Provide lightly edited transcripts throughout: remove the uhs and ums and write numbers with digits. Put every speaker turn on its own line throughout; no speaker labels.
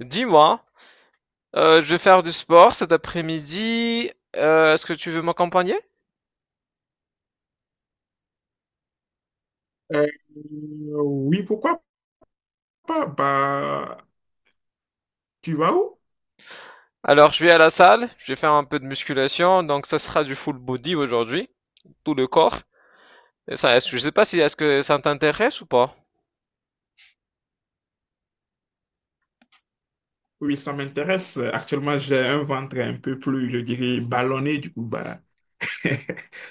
Dis-moi, je vais faire du sport cet après-midi. Est-ce que tu veux m'accompagner?
Euh, oui, pourquoi pas? Bah, tu vas où?
Alors, je vais à la salle, je vais faire un peu de musculation, donc ça sera du full body aujourd'hui, tout le corps. Et ça, je sais pas si est-ce que ça t'intéresse ou pas.
Oui, ça m'intéresse. Actuellement, j'ai un ventre un peu plus, je dirais, ballonné. Du coup, bah,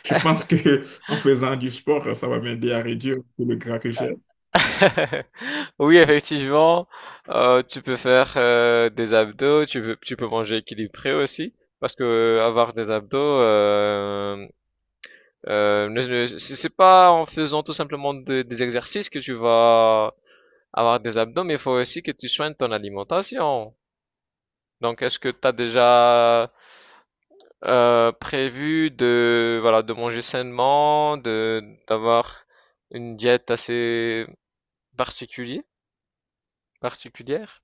je pense que en faisant du sport, ça va m'aider à réduire tout le gras que j'ai.
Oui, effectivement, tu peux faire des abdos, tu peux manger équilibré aussi, parce que avoir des abdos, c'est pas en faisant tout simplement des exercices que tu vas avoir des abdos, mais il faut aussi que tu soignes ton alimentation. Donc, est-ce que tu as déjà prévu de, voilà, de manger sainement, de, d'avoir une diète assez particulière, particulière?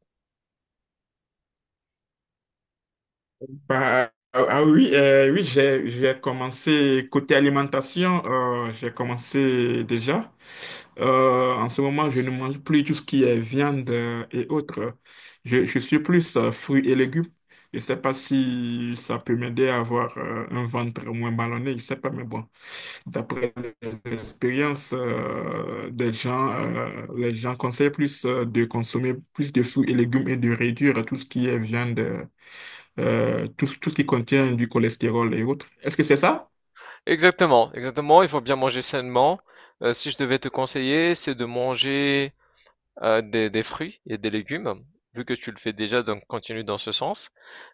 Bah, ah, ah oui, oui, j'ai commencé côté alimentation, j'ai commencé déjà. En ce moment, je ne mange plus tout ce qui est viande, et autres. Je suis plus fruits et légumes. Je sais pas si ça peut m'aider à avoir un ventre moins ballonné, je sais pas, mais bon, d'après les expériences des gens, les gens conseillent plus de consommer plus de fruits et légumes et de réduire tout ce qui est viande. Tout ce qui contient du cholestérol et autres. Est-ce que c'est ça?
Exactement, exactement, il faut bien manger sainement. Si je devais te conseiller, c'est de manger, des fruits et des légumes, vu que tu le fais déjà, donc continue dans ce sens.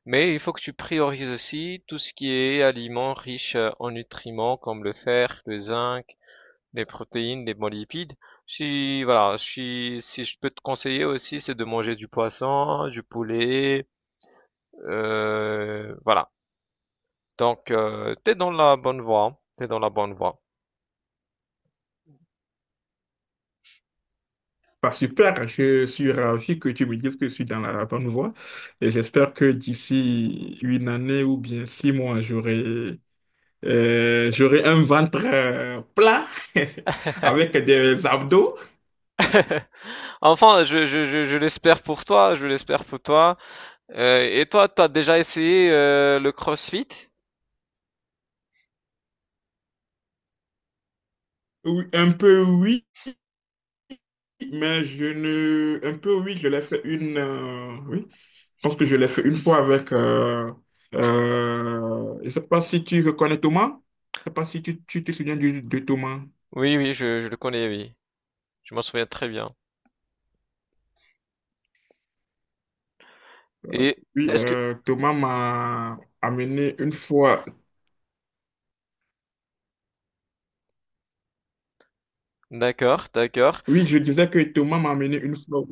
Mais il faut que tu priorises aussi tout ce qui est aliments riches, en nutriments comme le fer, le zinc, les protéines, les bons lipides. Si voilà, si je peux te conseiller aussi, c'est de manger du poisson, du poulet, voilà. Donc, t'es dans la bonne voie, hein. T'es dans la bonne voie.
Bah, super, je suis ravi que tu me dises que je suis dans la bonne voie et j'espère que d'ici 1 année ou bien 6 mois, j'aurais un ventre plat avec des abdos.
Enfin, je l'espère pour toi, je l'espère pour toi. Et toi, t'as déjà essayé le CrossFit?
Oui, un peu oui, mais je ne... un peu oui, je l'ai fait une... oui, je pense que je l'ai fait une fois je ne sais pas si tu reconnais Thomas. Je ne sais pas si tu te souviens de Thomas.
Oui, oui, je le connais, oui. Je m'en souviens très bien. Et
Oui,
est-ce que...
Thomas m'a amené une fois.
D'accord, d'accord.
Oui, je disais que Thomas m'a amené une fois.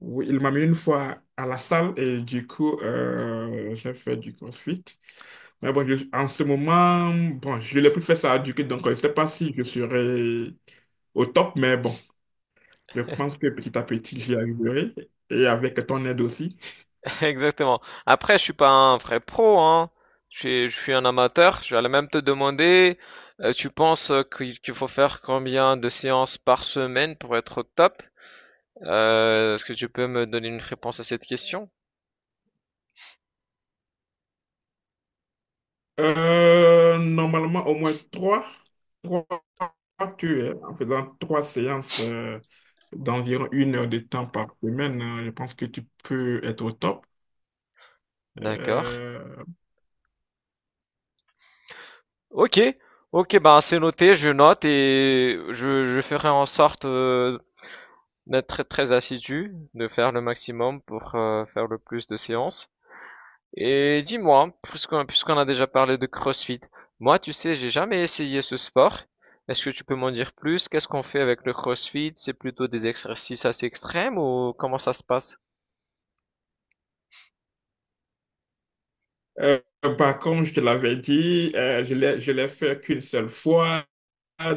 Oui, il m'a mis une fois à la salle et du coup, j'ai fait du CrossFit. Mais bon, en ce moment, bon, je n'ai plus fait ça du coup, donc je ne sais pas si je serai au top, mais bon, je pense que petit à petit, j'y arriverai. Et avec ton aide aussi.
Exactement. Après, je suis pas un vrai pro, hein. Je suis un amateur. Je vais même te demander, tu penses qu'il faut faire combien de séances par semaine pour être au top? Est-ce que tu peux me donner une réponse à cette question?
Normalement, au moins trois, tu es en faisant 3 séances, d'environ 1 heure de temps par semaine, je pense que tu peux être au top.
D'accord.
Euh,
Ok. Ok, ben c'est noté, je note et je ferai en sorte d'être très, très assidu, de faire le maximum pour faire le plus de séances. Et dis-moi, puisqu'on a déjà parlé de CrossFit, moi, tu sais, j'ai jamais essayé ce sport. Est-ce que tu peux m'en dire plus? Qu'est-ce qu'on fait avec le CrossFit? C'est plutôt des exercices assez extrêmes ou comment ça se passe?
Euh, Par contre, je te l'avais dit, je l'ai fait qu'une seule fois,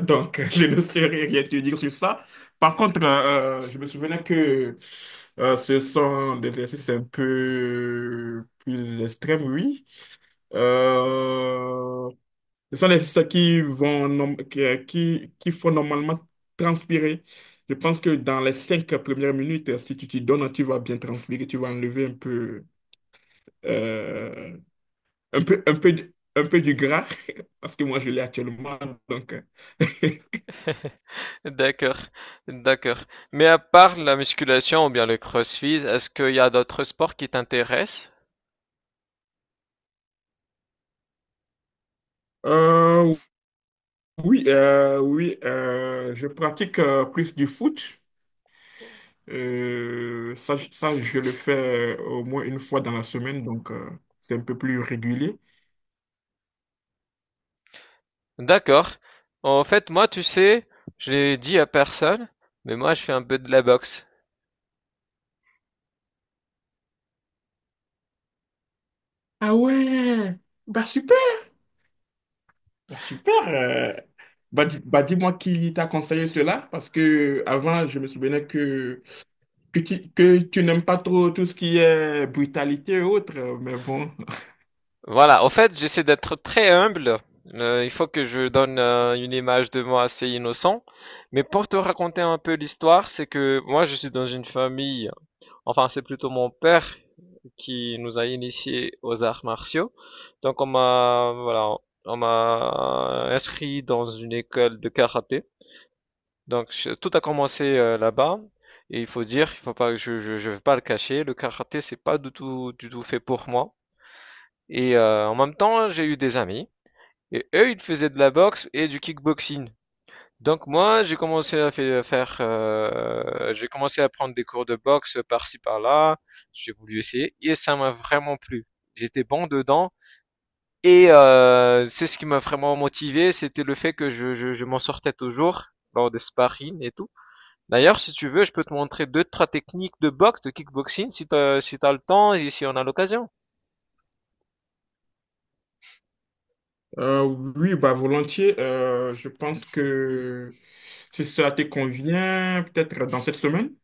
donc je ne saurais rien te dire sur ça. Par contre, je me souvenais que ce sont des exercices un peu plus extrêmes, oui. Euh, Ce sont des exercices qui qui font normalement transpirer. Je pense que dans les 5 premières minutes, si tu t'y donnes, tu vas bien transpirer, tu vas enlever euh, un peu du gras, parce que moi je l'ai actuellement. Donc,
D'accord, d'accord. Mais à part la musculation ou bien le CrossFit, est-ce qu'il y a d'autres sports qui t'intéressent?
euh, oui, oui, je pratique plus du foot. Ça, je le fais au moins une fois dans la semaine, donc c'est un peu plus régulier.
D'accord. En fait, moi, tu sais, je l'ai dit à personne, mais moi, je fais un peu de la boxe.
Ah ouais, bah super, bah super. Bah dis-moi qui t'a conseillé cela, parce que avant je me souvenais que tu n'aimes pas trop tout ce qui est brutalité et autres, mais bon.
Voilà, en fait, j'essaie d'être très humble. Il faut que je donne une image de moi assez innocent. Mais pour te raconter un peu l'histoire, c'est que moi, je suis dans une famille, enfin, c'est plutôt mon père qui nous a initiés aux arts martiaux. Donc, on m'a, voilà, on m'a inscrit dans une école de karaté. Donc, tout a commencé là-bas. Et il faut dire, il faut pas, je vais pas le cacher, le karaté, c'est pas du tout, du tout fait pour moi. Et en même temps, j'ai eu des amis et eux, ils faisaient de la boxe et du kickboxing. Donc moi, j'ai commencé à fai- faire, j'ai commencé à prendre des cours de boxe par-ci par-là. J'ai voulu essayer et ça m'a vraiment plu. J'étais bon dedans et c'est ce qui m'a vraiment motivé, c'était le fait que je m'en sortais toujours lors des sparring et tout. D'ailleurs, si tu veux, je peux te montrer deux, trois techniques de boxe, de kickboxing, si t'as le temps et si on a l'occasion.
Euh, oui, bah volontiers. Je pense que si ça te convient, peut-être dans cette semaine.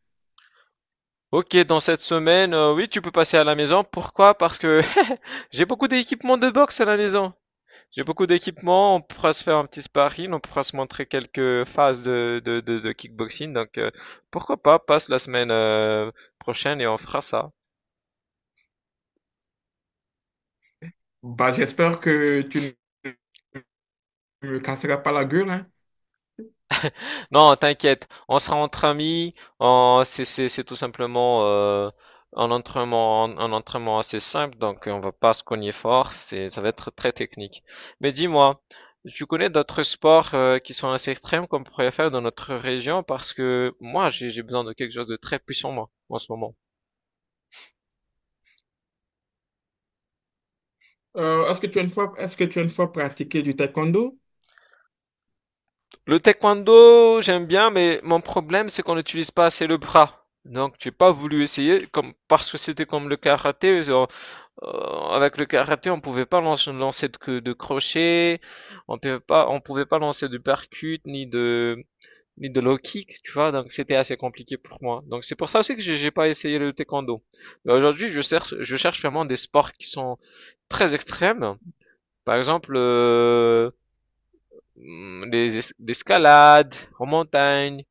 Ok, dans cette semaine, oui, tu peux passer à la maison. Pourquoi? Parce que j'ai beaucoup d'équipements de boxe à la maison. J'ai beaucoup d'équipements. On pourra se faire un petit sparring, on pourra se montrer quelques phases de kickboxing. Donc, pourquoi pas, passe la semaine prochaine et on fera ça.
Bah j'espère que tu ne me casseras pas la gueule, hein.
Non, t'inquiète, on sera entre amis, c'est c'est tout simplement un entraînement, un entraînement assez simple, donc on va pas se cogner fort, c'est, ça va être très technique. Mais dis-moi, tu connais d'autres sports qui sont assez extrêmes qu'on pourrait faire dans notre région parce que moi j'ai besoin de quelque chose de très puissant moi en ce moment.
Est-ce que tu as une fois pratiqué du taekwondo?
Le taekwondo, j'aime bien, mais mon problème c'est qu'on n'utilise pas assez le bras. Donc j'ai pas voulu essayer comme parce que c'était comme le karaté, avec le karaté, on pouvait pas lancer de crochet, on pouvait pas lancer de percute, ni de, ni de low kick, tu vois, donc c'était assez compliqué pour moi. Donc c'est pour ça aussi que j'ai pas essayé le taekwondo. Mais aujourd'hui, je cherche vraiment des sports qui sont très extrêmes. Par exemple, l'escalade en montagne,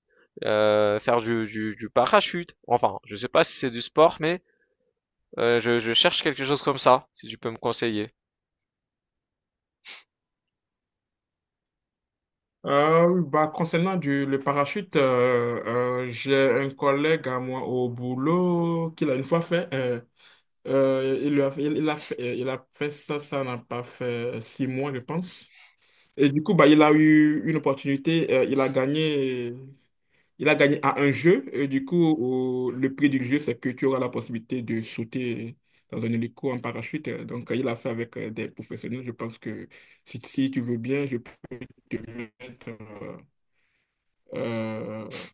faire du parachute. Enfin, je sais pas si c'est du sport, mais je cherche quelque chose comme ça, si tu peux me conseiller.
Oui, bah, concernant le parachute, j'ai un collègue à moi au boulot qui l'a une fois fait. Il il a fait ça, ça n'a pas fait 6 mois, je pense. Et du coup, bah, il a eu une opportunité. Il a gagné à un jeu. Et du coup, le prix du jeu, c'est que tu auras la possibilité de sauter dans un hélico en parachute. Donc, il a fait avec des professionnels. Je pense que si tu veux bien, je peux te mettre euh,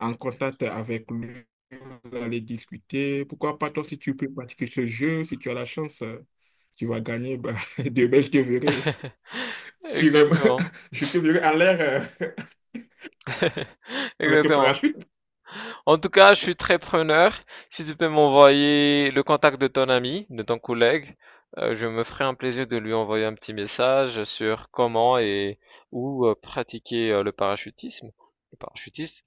en contact avec lui, vous allez discuter. Pourquoi pas toi, si tu peux pratiquer ce jeu, si tu as la chance, tu vas gagner. Bah, demain, je te verrai sur, un-
Exactement.
je te verrai en l'air, avec un
Exactement.
parachute.
En tout cas, je suis très preneur. Si tu peux m'envoyer le contact de ton ami, de ton collègue, je me ferai un plaisir de lui envoyer un petit message sur comment et où pratiquer le parachutisme, le parachutiste.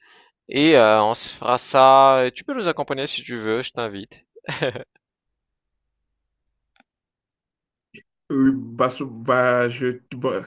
Et on se fera ça. Et tu peux nous accompagner si tu veux, je t'invite.
Oui, bah, bah,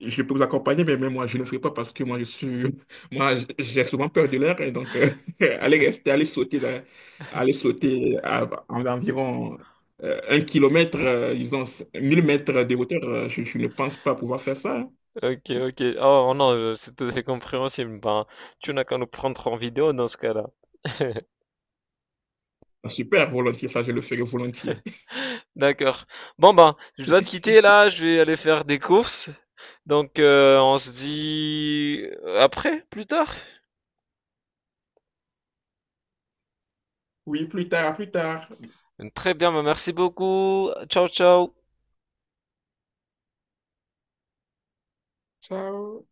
je peux vous accompagner, mais même moi, je ne ferai pas parce que moi, moi, j'ai souvent peur de l'air. Et donc, aller rester, aller sauter, dans- aller sauter à environ 1 kilomètre, disons, 1 000 mètres de hauteur, je ne pense pas pouvoir faire ça, hein.
Ok, ok. Oh non, c'est tout à fait compréhensible. Ben, tu n'as qu'à nous prendre en vidéo dans ce cas-là.
Ah, super, volontiers, ça, je le ferai volontiers.
D'accord. Bon ben, je dois te quitter là, je vais aller faire des courses. Donc on se dit après, plus tard.
Oui, plus tard, à plus tard.
Très bien, ben, merci beaucoup. Ciao, ciao.
Ciao.